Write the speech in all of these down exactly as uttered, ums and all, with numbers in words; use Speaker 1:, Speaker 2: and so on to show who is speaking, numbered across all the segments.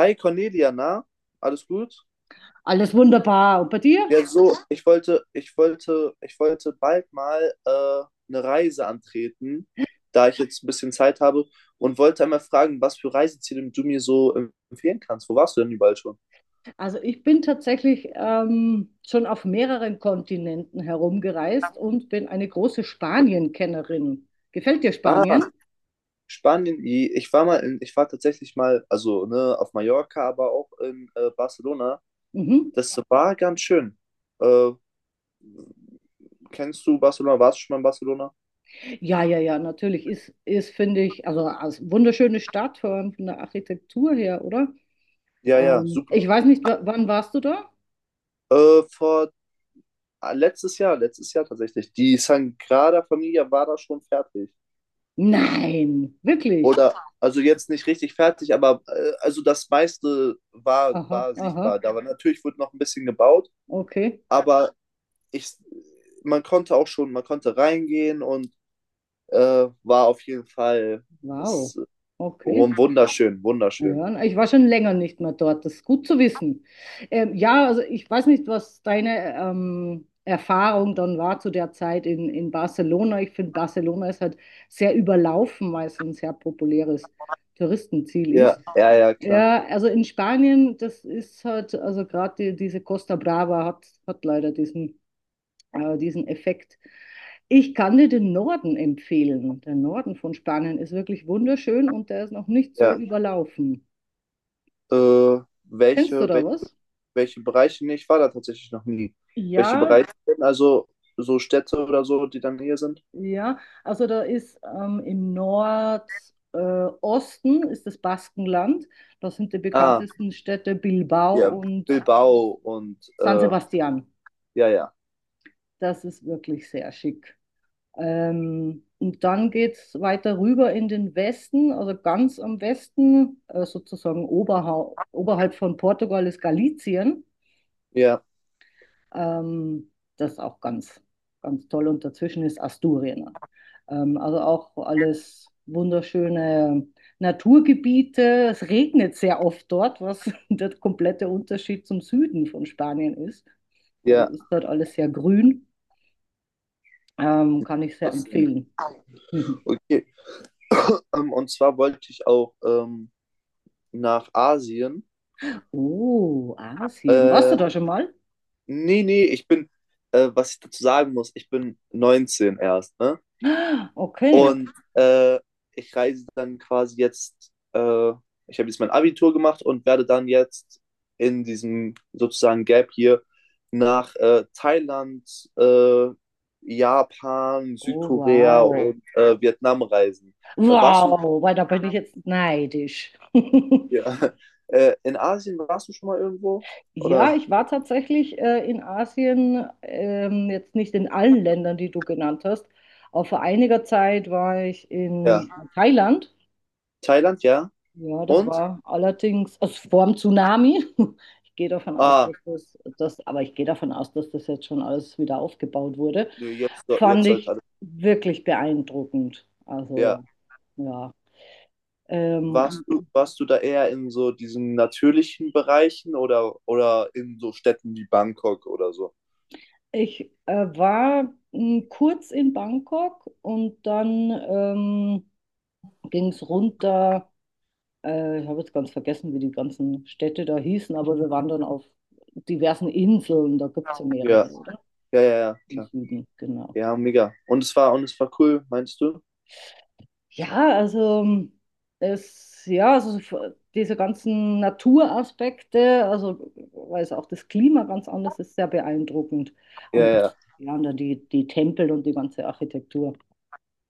Speaker 1: Hi Cornelia, na? Alles gut?
Speaker 2: Alles wunderbar. Und bei dir?
Speaker 1: Ja, so, ich wollte, ich wollte, ich wollte bald mal äh, eine Reise antreten, da ich jetzt ein bisschen Zeit habe, und wollte einmal fragen, was für Reiseziele du mir so ähm, empfehlen kannst. Wo warst du denn überall schon?
Speaker 2: Also ich bin tatsächlich ähm, schon auf mehreren Kontinenten herumgereist und bin eine große Spanien-Kennerin. Gefällt dir
Speaker 1: Ah,
Speaker 2: Spanien?
Speaker 1: Spanien. I- Ich war mal in, ich war tatsächlich mal, also ne, auf Mallorca, aber auch in äh, Barcelona.
Speaker 2: Mhm.
Speaker 1: Das war ganz schön. Äh, kennst du Barcelona? Warst du schon mal in Barcelona?
Speaker 2: Ja, ja, ja, natürlich ist, ist finde ich, also als wunderschöne Stadt von, von der Architektur her, oder?
Speaker 1: Ja, ja,
Speaker 2: Ähm,
Speaker 1: super.
Speaker 2: ich weiß nicht, wa- wann warst du da?
Speaker 1: Äh, vor Ah, Letztes Jahr, letztes Jahr tatsächlich. Die Sagrada Familia war da schon fertig.
Speaker 2: Nein, wirklich.
Speaker 1: Oder, also jetzt nicht richtig fertig, aber äh, also das meiste war,
Speaker 2: Aha,
Speaker 1: war
Speaker 2: aha,
Speaker 1: sichtbar. Da war natürlich, wurde noch ein bisschen gebaut,
Speaker 2: okay,
Speaker 1: aber ich, man konnte auch schon, man konnte reingehen und äh, war auf jeden Fall
Speaker 2: wow,
Speaker 1: das, äh,
Speaker 2: okay.
Speaker 1: wunderschön, wunderschön.
Speaker 2: Ja, ich war schon länger nicht mehr dort, das ist gut zu wissen. Ähm, ja, also ich weiß nicht, was deine ähm, Erfahrung dann war zu der Zeit in, in Barcelona. Ich finde, Barcelona ist halt sehr überlaufen, weil es ein sehr populäres Touristenziel
Speaker 1: Ja,
Speaker 2: ist.
Speaker 1: ja, ja, klar.
Speaker 2: Ja, also in Spanien, das ist halt, also gerade die, diese Costa Brava hat, hat leider diesen, äh, diesen Effekt. Ich kann dir den Norden empfehlen. Der Norden von Spanien ist wirklich wunderschön und der ist noch nicht so
Speaker 1: Ja.
Speaker 2: überlaufen.
Speaker 1: Äh,
Speaker 2: Kennst du
Speaker 1: welche,
Speaker 2: da
Speaker 1: welche
Speaker 2: was?
Speaker 1: welche Bereiche, nee, ich war da tatsächlich noch nie. Welche
Speaker 2: Ja,
Speaker 1: Bereiche denn, also so Städte oder so, die dann hier sind?
Speaker 2: ja. Also da ist ähm, im Nordosten äh, Osten ist das Baskenland. Das sind die
Speaker 1: Ah,
Speaker 2: bekanntesten Städte Bilbao
Speaker 1: ja,
Speaker 2: und
Speaker 1: Bilbao und
Speaker 2: San
Speaker 1: äh,
Speaker 2: Sebastian.
Speaker 1: ja, ja,
Speaker 2: Das ist wirklich sehr schick. Ähm, und dann geht es weiter rüber in den Westen, also ganz am Westen, äh, sozusagen oberha oberhalb von Portugal ist Galicien.
Speaker 1: ja,
Speaker 2: Ähm, das ist auch ganz, ganz toll. Und dazwischen ist Asturien. Ähm, also auch alles wunderschöne Naturgebiete. Es regnet sehr oft dort, was der komplette Unterschied zum Süden von Spanien ist. Also
Speaker 1: ja,
Speaker 2: ist dort alles sehr grün. Ähm, kann ich sehr
Speaker 1: trotzdem.
Speaker 2: empfehlen.
Speaker 1: Okay, ähm, und zwar wollte ich auch ähm, nach Asien.
Speaker 2: Oh, Asien. Warst du
Speaker 1: Äh,
Speaker 2: da schon mal?
Speaker 1: Nee, nee, ich bin, äh, was ich dazu sagen muss, ich bin neunzehn erst, ne?
Speaker 2: Ah, okay.
Speaker 1: Und äh, ich reise dann quasi jetzt, äh, ich habe jetzt mein Abitur gemacht und werde dann jetzt in diesem sozusagen Gap hier nach äh, Thailand, äh, Japan,
Speaker 2: Oh,
Speaker 1: Südkorea
Speaker 2: wow.
Speaker 1: und äh, Vietnam reisen. Äh, warst du
Speaker 2: Wow, weil da bin ich jetzt neidisch.
Speaker 1: ja, äh, in Asien, warst du schon mal irgendwo?
Speaker 2: Ja,
Speaker 1: Oder?
Speaker 2: ich war tatsächlich äh, in Asien, ähm, jetzt nicht in allen Ländern, die du genannt hast, aber vor einiger Zeit war ich
Speaker 1: Ja.
Speaker 2: in Thailand.
Speaker 1: Thailand, ja.
Speaker 2: Ja, das
Speaker 1: Und?
Speaker 2: war allerdings also vor dem Tsunami. Ich gehe davon aus,
Speaker 1: Ah,
Speaker 2: dass das, das, aber ich gehe davon aus, dass das jetzt schon alles wieder aufgebaut wurde.
Speaker 1: nö, jetzt, so-
Speaker 2: Fand
Speaker 1: jetzt sollte
Speaker 2: ich
Speaker 1: alles.
Speaker 2: wirklich beeindruckend.
Speaker 1: Ja.
Speaker 2: Also, ja.
Speaker 1: Warst
Speaker 2: Ähm,
Speaker 1: du, warst du da eher in so diesen natürlichen Bereichen oder, oder in so Städten wie Bangkok oder so?
Speaker 2: ich äh, war m, kurz in Bangkok und dann ähm, ging es runter. Äh, ich habe jetzt ganz vergessen, wie die ganzen Städte da hießen, aber wir waren dann auf diversen Inseln. Da gibt es ja
Speaker 1: Ja,
Speaker 2: mehrere, oder?
Speaker 1: ja, ja, ja,
Speaker 2: Im
Speaker 1: klar.
Speaker 2: Süden, genau.
Speaker 1: Ja, mega. Und es war, und es war cool, meinst du?
Speaker 2: Ja, also es, ja, also diese ganzen Naturaspekte, also weil es auch das Klima ganz anders ist, sehr beeindruckend.
Speaker 1: Ja,
Speaker 2: Und
Speaker 1: ja,
Speaker 2: ja, und dann die, die Tempel und die ganze Architektur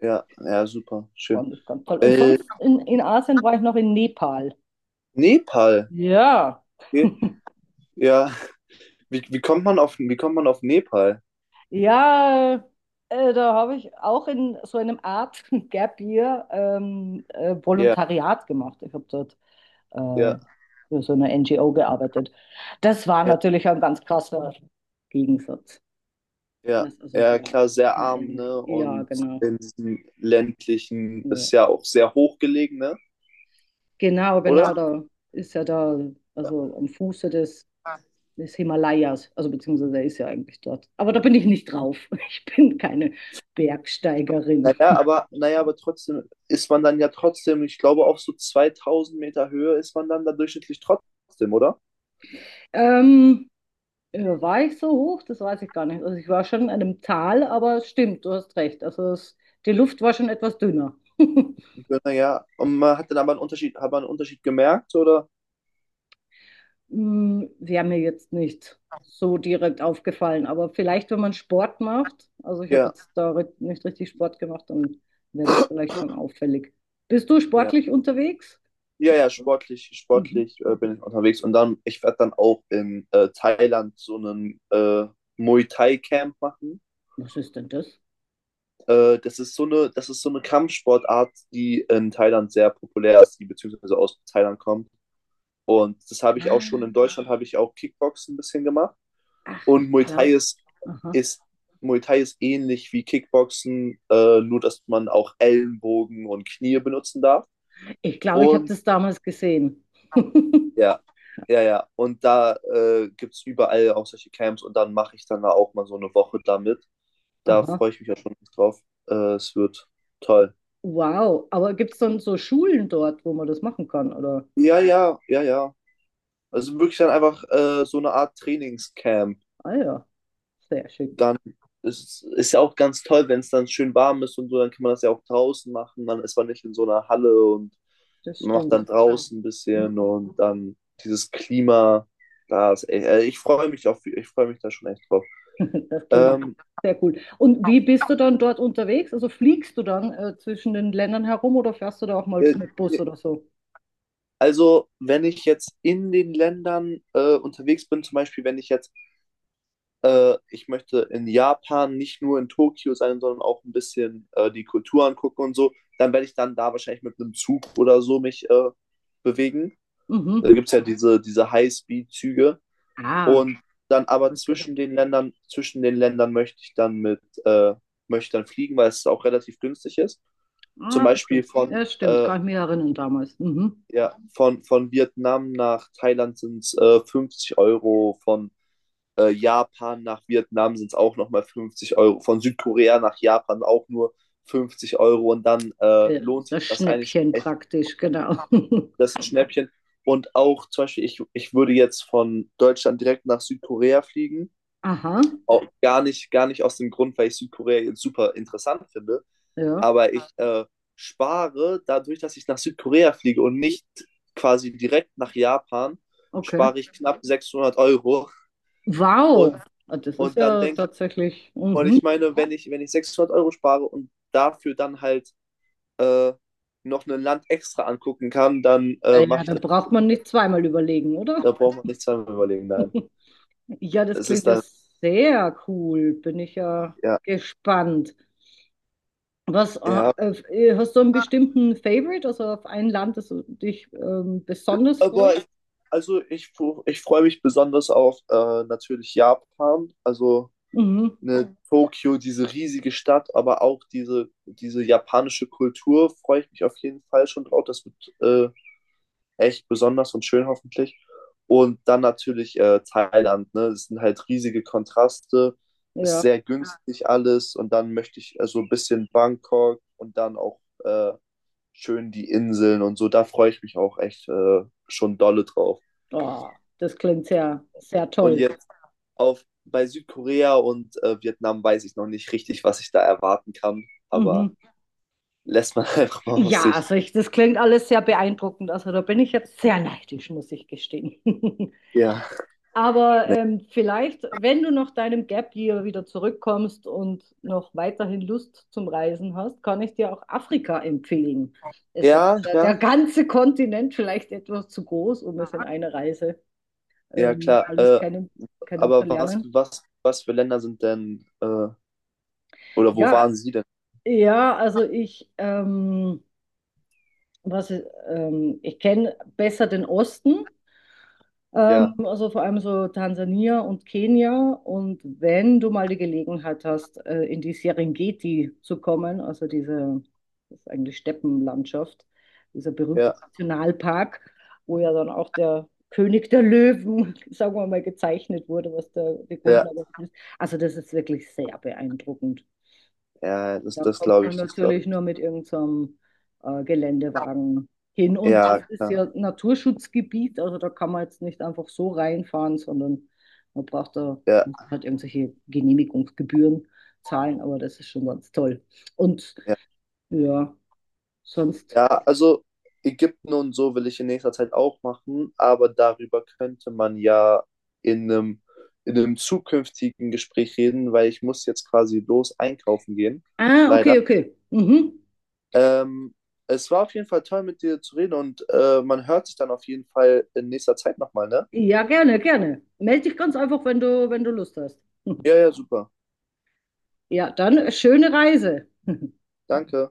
Speaker 1: ja, ja, super, schön.
Speaker 2: fand ich ganz toll. Und
Speaker 1: Äh,
Speaker 2: sonst in, in Asien war ich noch in Nepal.
Speaker 1: Nepal.
Speaker 2: Ja.
Speaker 1: Okay. Ja, wie, wie kommt man auf, wie kommt man auf Nepal?
Speaker 2: Ja, äh, da habe ich auch in so einem Art Gap Year ähm, äh,
Speaker 1: Ja,
Speaker 2: Volontariat gemacht. Ich habe dort äh,
Speaker 1: ja,
Speaker 2: für so eine N G O gearbeitet. Das war
Speaker 1: ja,
Speaker 2: natürlich ein ganz krasser Gegensatz.
Speaker 1: ja.
Speaker 2: Das ist also
Speaker 1: Ja,
Speaker 2: sehr,
Speaker 1: klar, sehr
Speaker 2: sehr
Speaker 1: arm,
Speaker 2: ähnlich.
Speaker 1: ne?
Speaker 2: Ja,
Speaker 1: Und
Speaker 2: genau.
Speaker 1: in diesem ländlichen,
Speaker 2: Ja.
Speaker 1: ist ja auch sehr hochgelegen, ne?
Speaker 2: Genau, genau,
Speaker 1: Oder?
Speaker 2: da ist ja da, also am Fuße des, des Himalayas, also beziehungsweise er ist ja eigentlich dort. Aber da bin ich nicht drauf. Ich bin keine Bergsteigerin.
Speaker 1: Naja, aber, naja, aber trotzdem ist man dann ja trotzdem, ich glaube, auf so zweitausend Meter Höhe ist man dann da durchschnittlich trotzdem, oder?
Speaker 2: Ähm, Äh, War ich so hoch? Das weiß ich gar nicht. Also ich war schon in einem Tal, aber es stimmt, du hast recht. Also es, die Luft war schon etwas dünner.
Speaker 1: Ich bin, naja, und man hat dann aber einen Unterschied, hat man einen Unterschied gemerkt, oder?
Speaker 2: Hm, wäre mir jetzt nicht so direkt aufgefallen, aber vielleicht, wenn man Sport macht, also ich habe
Speaker 1: Ja,
Speaker 2: jetzt da ri- nicht richtig Sport gemacht, dann wäre das vielleicht schon auffällig. Bist du
Speaker 1: ja.
Speaker 2: sportlich unterwegs?
Speaker 1: Ja, ja,
Speaker 2: Machst du?
Speaker 1: sportlich,
Speaker 2: Mhm.
Speaker 1: sportlich äh, bin ich unterwegs und dann, ich werde dann auch in äh, Thailand so einen äh, Muay Thai Camp machen.
Speaker 2: Was ist denn das?
Speaker 1: Äh, das ist so eine, das ist so eine Kampfsportart, die in Thailand sehr populär ist, die beziehungsweise aus Thailand kommt. Und das habe ich auch schon
Speaker 2: Ah,
Speaker 1: in Deutschland, habe ich auch Kickboxen ein bisschen gemacht.
Speaker 2: ach, ich
Speaker 1: Und Muay Thai
Speaker 2: glaube,
Speaker 1: ist,
Speaker 2: aha.
Speaker 1: ist, Muay Thai ist ähnlich wie Kickboxen, äh, nur dass man auch Ellenbogen und Knie benutzen darf.
Speaker 2: Ich glaube, ich habe
Speaker 1: Und
Speaker 2: das damals gesehen.
Speaker 1: ja, ja, ja. Und da äh, gibt es überall auch solche Camps und dann mache ich dann da auch mal so eine Woche damit. Da
Speaker 2: Aha.
Speaker 1: freue ich mich ja schon drauf. Äh, es wird toll.
Speaker 2: Wow, aber gibt es dann so Schulen dort, wo man das machen kann, oder?
Speaker 1: Ja, ja, ja, ja. Also wirklich dann einfach äh, so eine Art Trainingscamp.
Speaker 2: Ah ja, sehr schick,
Speaker 1: Dann ist es ja auch ganz toll, wenn es dann schön warm ist und so, dann kann man das ja auch draußen machen. Dann ist man nicht in so einer Halle und
Speaker 2: das
Speaker 1: man macht dann
Speaker 2: stimmt.
Speaker 1: draußen ein bisschen
Speaker 2: Mhm.
Speaker 1: und dann dieses Klima. Da ist, echt- äh, ich freue mich auf, ich freue mich da schon echt drauf.
Speaker 2: Das klingt
Speaker 1: Ähm,
Speaker 2: sehr cool. Und wie bist du dann dort unterwegs? Also fliegst du dann äh, zwischen den Ländern herum oder fährst du da auch mal
Speaker 1: äh,
Speaker 2: mit Bus oder so?
Speaker 1: also, wenn ich jetzt in den Ländern äh, unterwegs bin, zum Beispiel, wenn ich jetzt Äh, ich möchte in Japan nicht nur in Tokio sein, sondern auch ein bisschen äh, die Kultur angucken und so. Dann werde ich dann da wahrscheinlich mit einem Zug oder so mich äh, bewegen.
Speaker 2: Mhm.
Speaker 1: Da gibt es ja diese, diese High-Speed-Züge.
Speaker 2: Ah,
Speaker 1: Und dann
Speaker 2: das haben
Speaker 1: aber
Speaker 2: wir
Speaker 1: zwischen
Speaker 2: gehört.
Speaker 1: den Ländern, zwischen den Ländern möchte ich dann mit, äh, möchte ich dann fliegen, weil es auch relativ günstig ist. Zum
Speaker 2: Ah,
Speaker 1: Beispiel
Speaker 2: okay.
Speaker 1: von,
Speaker 2: Ja, stimmt,
Speaker 1: äh,
Speaker 2: kann ich mich erinnern damals. Mhm.
Speaker 1: ja, von, von Vietnam nach Thailand sind es äh, fünfzig Euro, von äh, Japan nach Vietnam sind es auch nochmal fünfzig Euro. Von Südkorea nach Japan auch nur fünfzig Euro. Und dann äh,
Speaker 2: Äh,
Speaker 1: lohnt sich
Speaker 2: Das
Speaker 1: das eigentlich
Speaker 2: Schnäppchen
Speaker 1: echt,
Speaker 2: praktisch, genau.
Speaker 1: das Schnäppchen. Und auch zum Beispiel, ich, ich würde jetzt von Deutschland direkt nach Südkorea fliegen.
Speaker 2: Aha,
Speaker 1: Auch gar nicht, gar nicht aus dem Grund, weil ich Südkorea jetzt super interessant finde.
Speaker 2: ja,
Speaker 1: Aber ich äh, spare dadurch, dass ich nach Südkorea fliege und nicht quasi direkt nach Japan,
Speaker 2: okay.
Speaker 1: spare ich knapp sechshundert Euro. Und,
Speaker 2: Wow, ah, das ist
Speaker 1: und dann
Speaker 2: ja
Speaker 1: denke
Speaker 2: tatsächlich.
Speaker 1: Und
Speaker 2: Mhm.
Speaker 1: ich meine, wenn ich, wenn ich sechshundert Euro spare und dafür dann halt äh, noch ein Land extra angucken kann, dann äh,
Speaker 2: Äh, Ja,
Speaker 1: mache ich
Speaker 2: da
Speaker 1: das.
Speaker 2: braucht man nicht zweimal überlegen, oder?
Speaker 1: Da braucht man nicht zweimal überlegen, nein.
Speaker 2: Ja, das
Speaker 1: Es
Speaker 2: klingt
Speaker 1: ist
Speaker 2: ja
Speaker 1: dann,
Speaker 2: sehr cool. Bin ich ja
Speaker 1: ja,
Speaker 2: gespannt. Was ah,
Speaker 1: ja.
Speaker 2: äh, hast du einen bestimmten Favorite, also auf ein Land, das du dich ähm, besonders
Speaker 1: Aber ich,
Speaker 2: freust?
Speaker 1: also ich, fu- ich freue mich besonders auf äh, natürlich Japan, also
Speaker 2: Mhm,
Speaker 1: ne, Tokio, diese riesige Stadt, aber auch diese, diese japanische Kultur freue ich mich auf jeden Fall schon drauf. Das wird äh, echt besonders und schön hoffentlich. Und dann natürlich äh, Thailand, ne? Es sind halt riesige Kontraste, ist
Speaker 2: ja.
Speaker 1: sehr günstig alles und dann möchte ich äh, so ein bisschen Bangkok und dann auch äh, schön die Inseln und so. Da freue ich mich auch echt äh, schon dolle drauf.
Speaker 2: Oh, das klingt sehr, sehr
Speaker 1: Und
Speaker 2: toll.
Speaker 1: jetzt auf bei Südkorea und äh, Vietnam weiß ich noch nicht richtig, was ich da erwarten kann, aber
Speaker 2: Mhm.
Speaker 1: lässt man einfach mal auf
Speaker 2: Ja,
Speaker 1: sich.
Speaker 2: also ich, das klingt alles sehr beeindruckend. Also da bin ich jetzt sehr neidisch, muss ich gestehen.
Speaker 1: Ja,
Speaker 2: Aber ähm, vielleicht, wenn du nach deinem Gap Year wieder zurückkommst und noch weiterhin Lust zum Reisen hast, kann ich dir auch Afrika empfehlen. Es ist
Speaker 1: ja,
Speaker 2: der,
Speaker 1: ja,
Speaker 2: der ganze Kontinent vielleicht etwas zu groß, um es in einer Reise
Speaker 1: ja,
Speaker 2: ähm,
Speaker 1: klar.
Speaker 2: alles
Speaker 1: Äh,
Speaker 2: kennen,
Speaker 1: aber was,
Speaker 2: kennenzulernen.
Speaker 1: was, was für Länder sind denn, äh, oder wo
Speaker 2: Ja,
Speaker 1: waren Sie denn?
Speaker 2: ja, also ich, ähm, was, ähm, ich kenne besser den Osten. Ähm,
Speaker 1: Ja,
Speaker 2: also vor allem so Tansania und Kenia. Und wenn du mal die Gelegenheit hast, äh, in die Serengeti zu kommen, also diese, das ist eigentlich Steppenlandschaft, dieser berühmte
Speaker 1: ja,
Speaker 2: Nationalpark, wo ja dann auch der König der Löwen, sagen wir mal, gezeichnet wurde, was da die
Speaker 1: ja,
Speaker 2: Grundlage ist. Also das ist wirklich sehr beeindruckend.
Speaker 1: ja,
Speaker 2: Und
Speaker 1: das,
Speaker 2: dann
Speaker 1: das
Speaker 2: kommt
Speaker 1: glaube
Speaker 2: man
Speaker 1: ich, das glaube
Speaker 2: natürlich
Speaker 1: ich.
Speaker 2: nur mit irgendeinem äh, Geländewagen hin. Und
Speaker 1: Ja,
Speaker 2: es ist
Speaker 1: klar.
Speaker 2: ja Naturschutzgebiet, also da kann man jetzt nicht einfach so reinfahren, sondern man braucht da
Speaker 1: Ja,
Speaker 2: muss halt irgendwelche Genehmigungsgebühren zahlen, aber das ist schon ganz toll. Und
Speaker 1: ja.
Speaker 2: ja, sonst.
Speaker 1: Ja, also Ägypten und so will ich in nächster Zeit auch machen, aber darüber könnte man ja in einem, in einem zukünftigen Gespräch reden, weil ich muss jetzt quasi los einkaufen gehen,
Speaker 2: Ah,
Speaker 1: leider.
Speaker 2: okay, okay. Mhm.
Speaker 1: Ähm, es war auf jeden Fall toll, mit dir zu reden und äh, man hört sich dann auf jeden Fall in nächster Zeit nochmal, ne?
Speaker 2: Ja, gerne, gerne. Meld dich ganz einfach, wenn du, wenn du Lust hast.
Speaker 1: Ja, ja, super.
Speaker 2: Ja, dann äh, schöne Reise.
Speaker 1: Danke.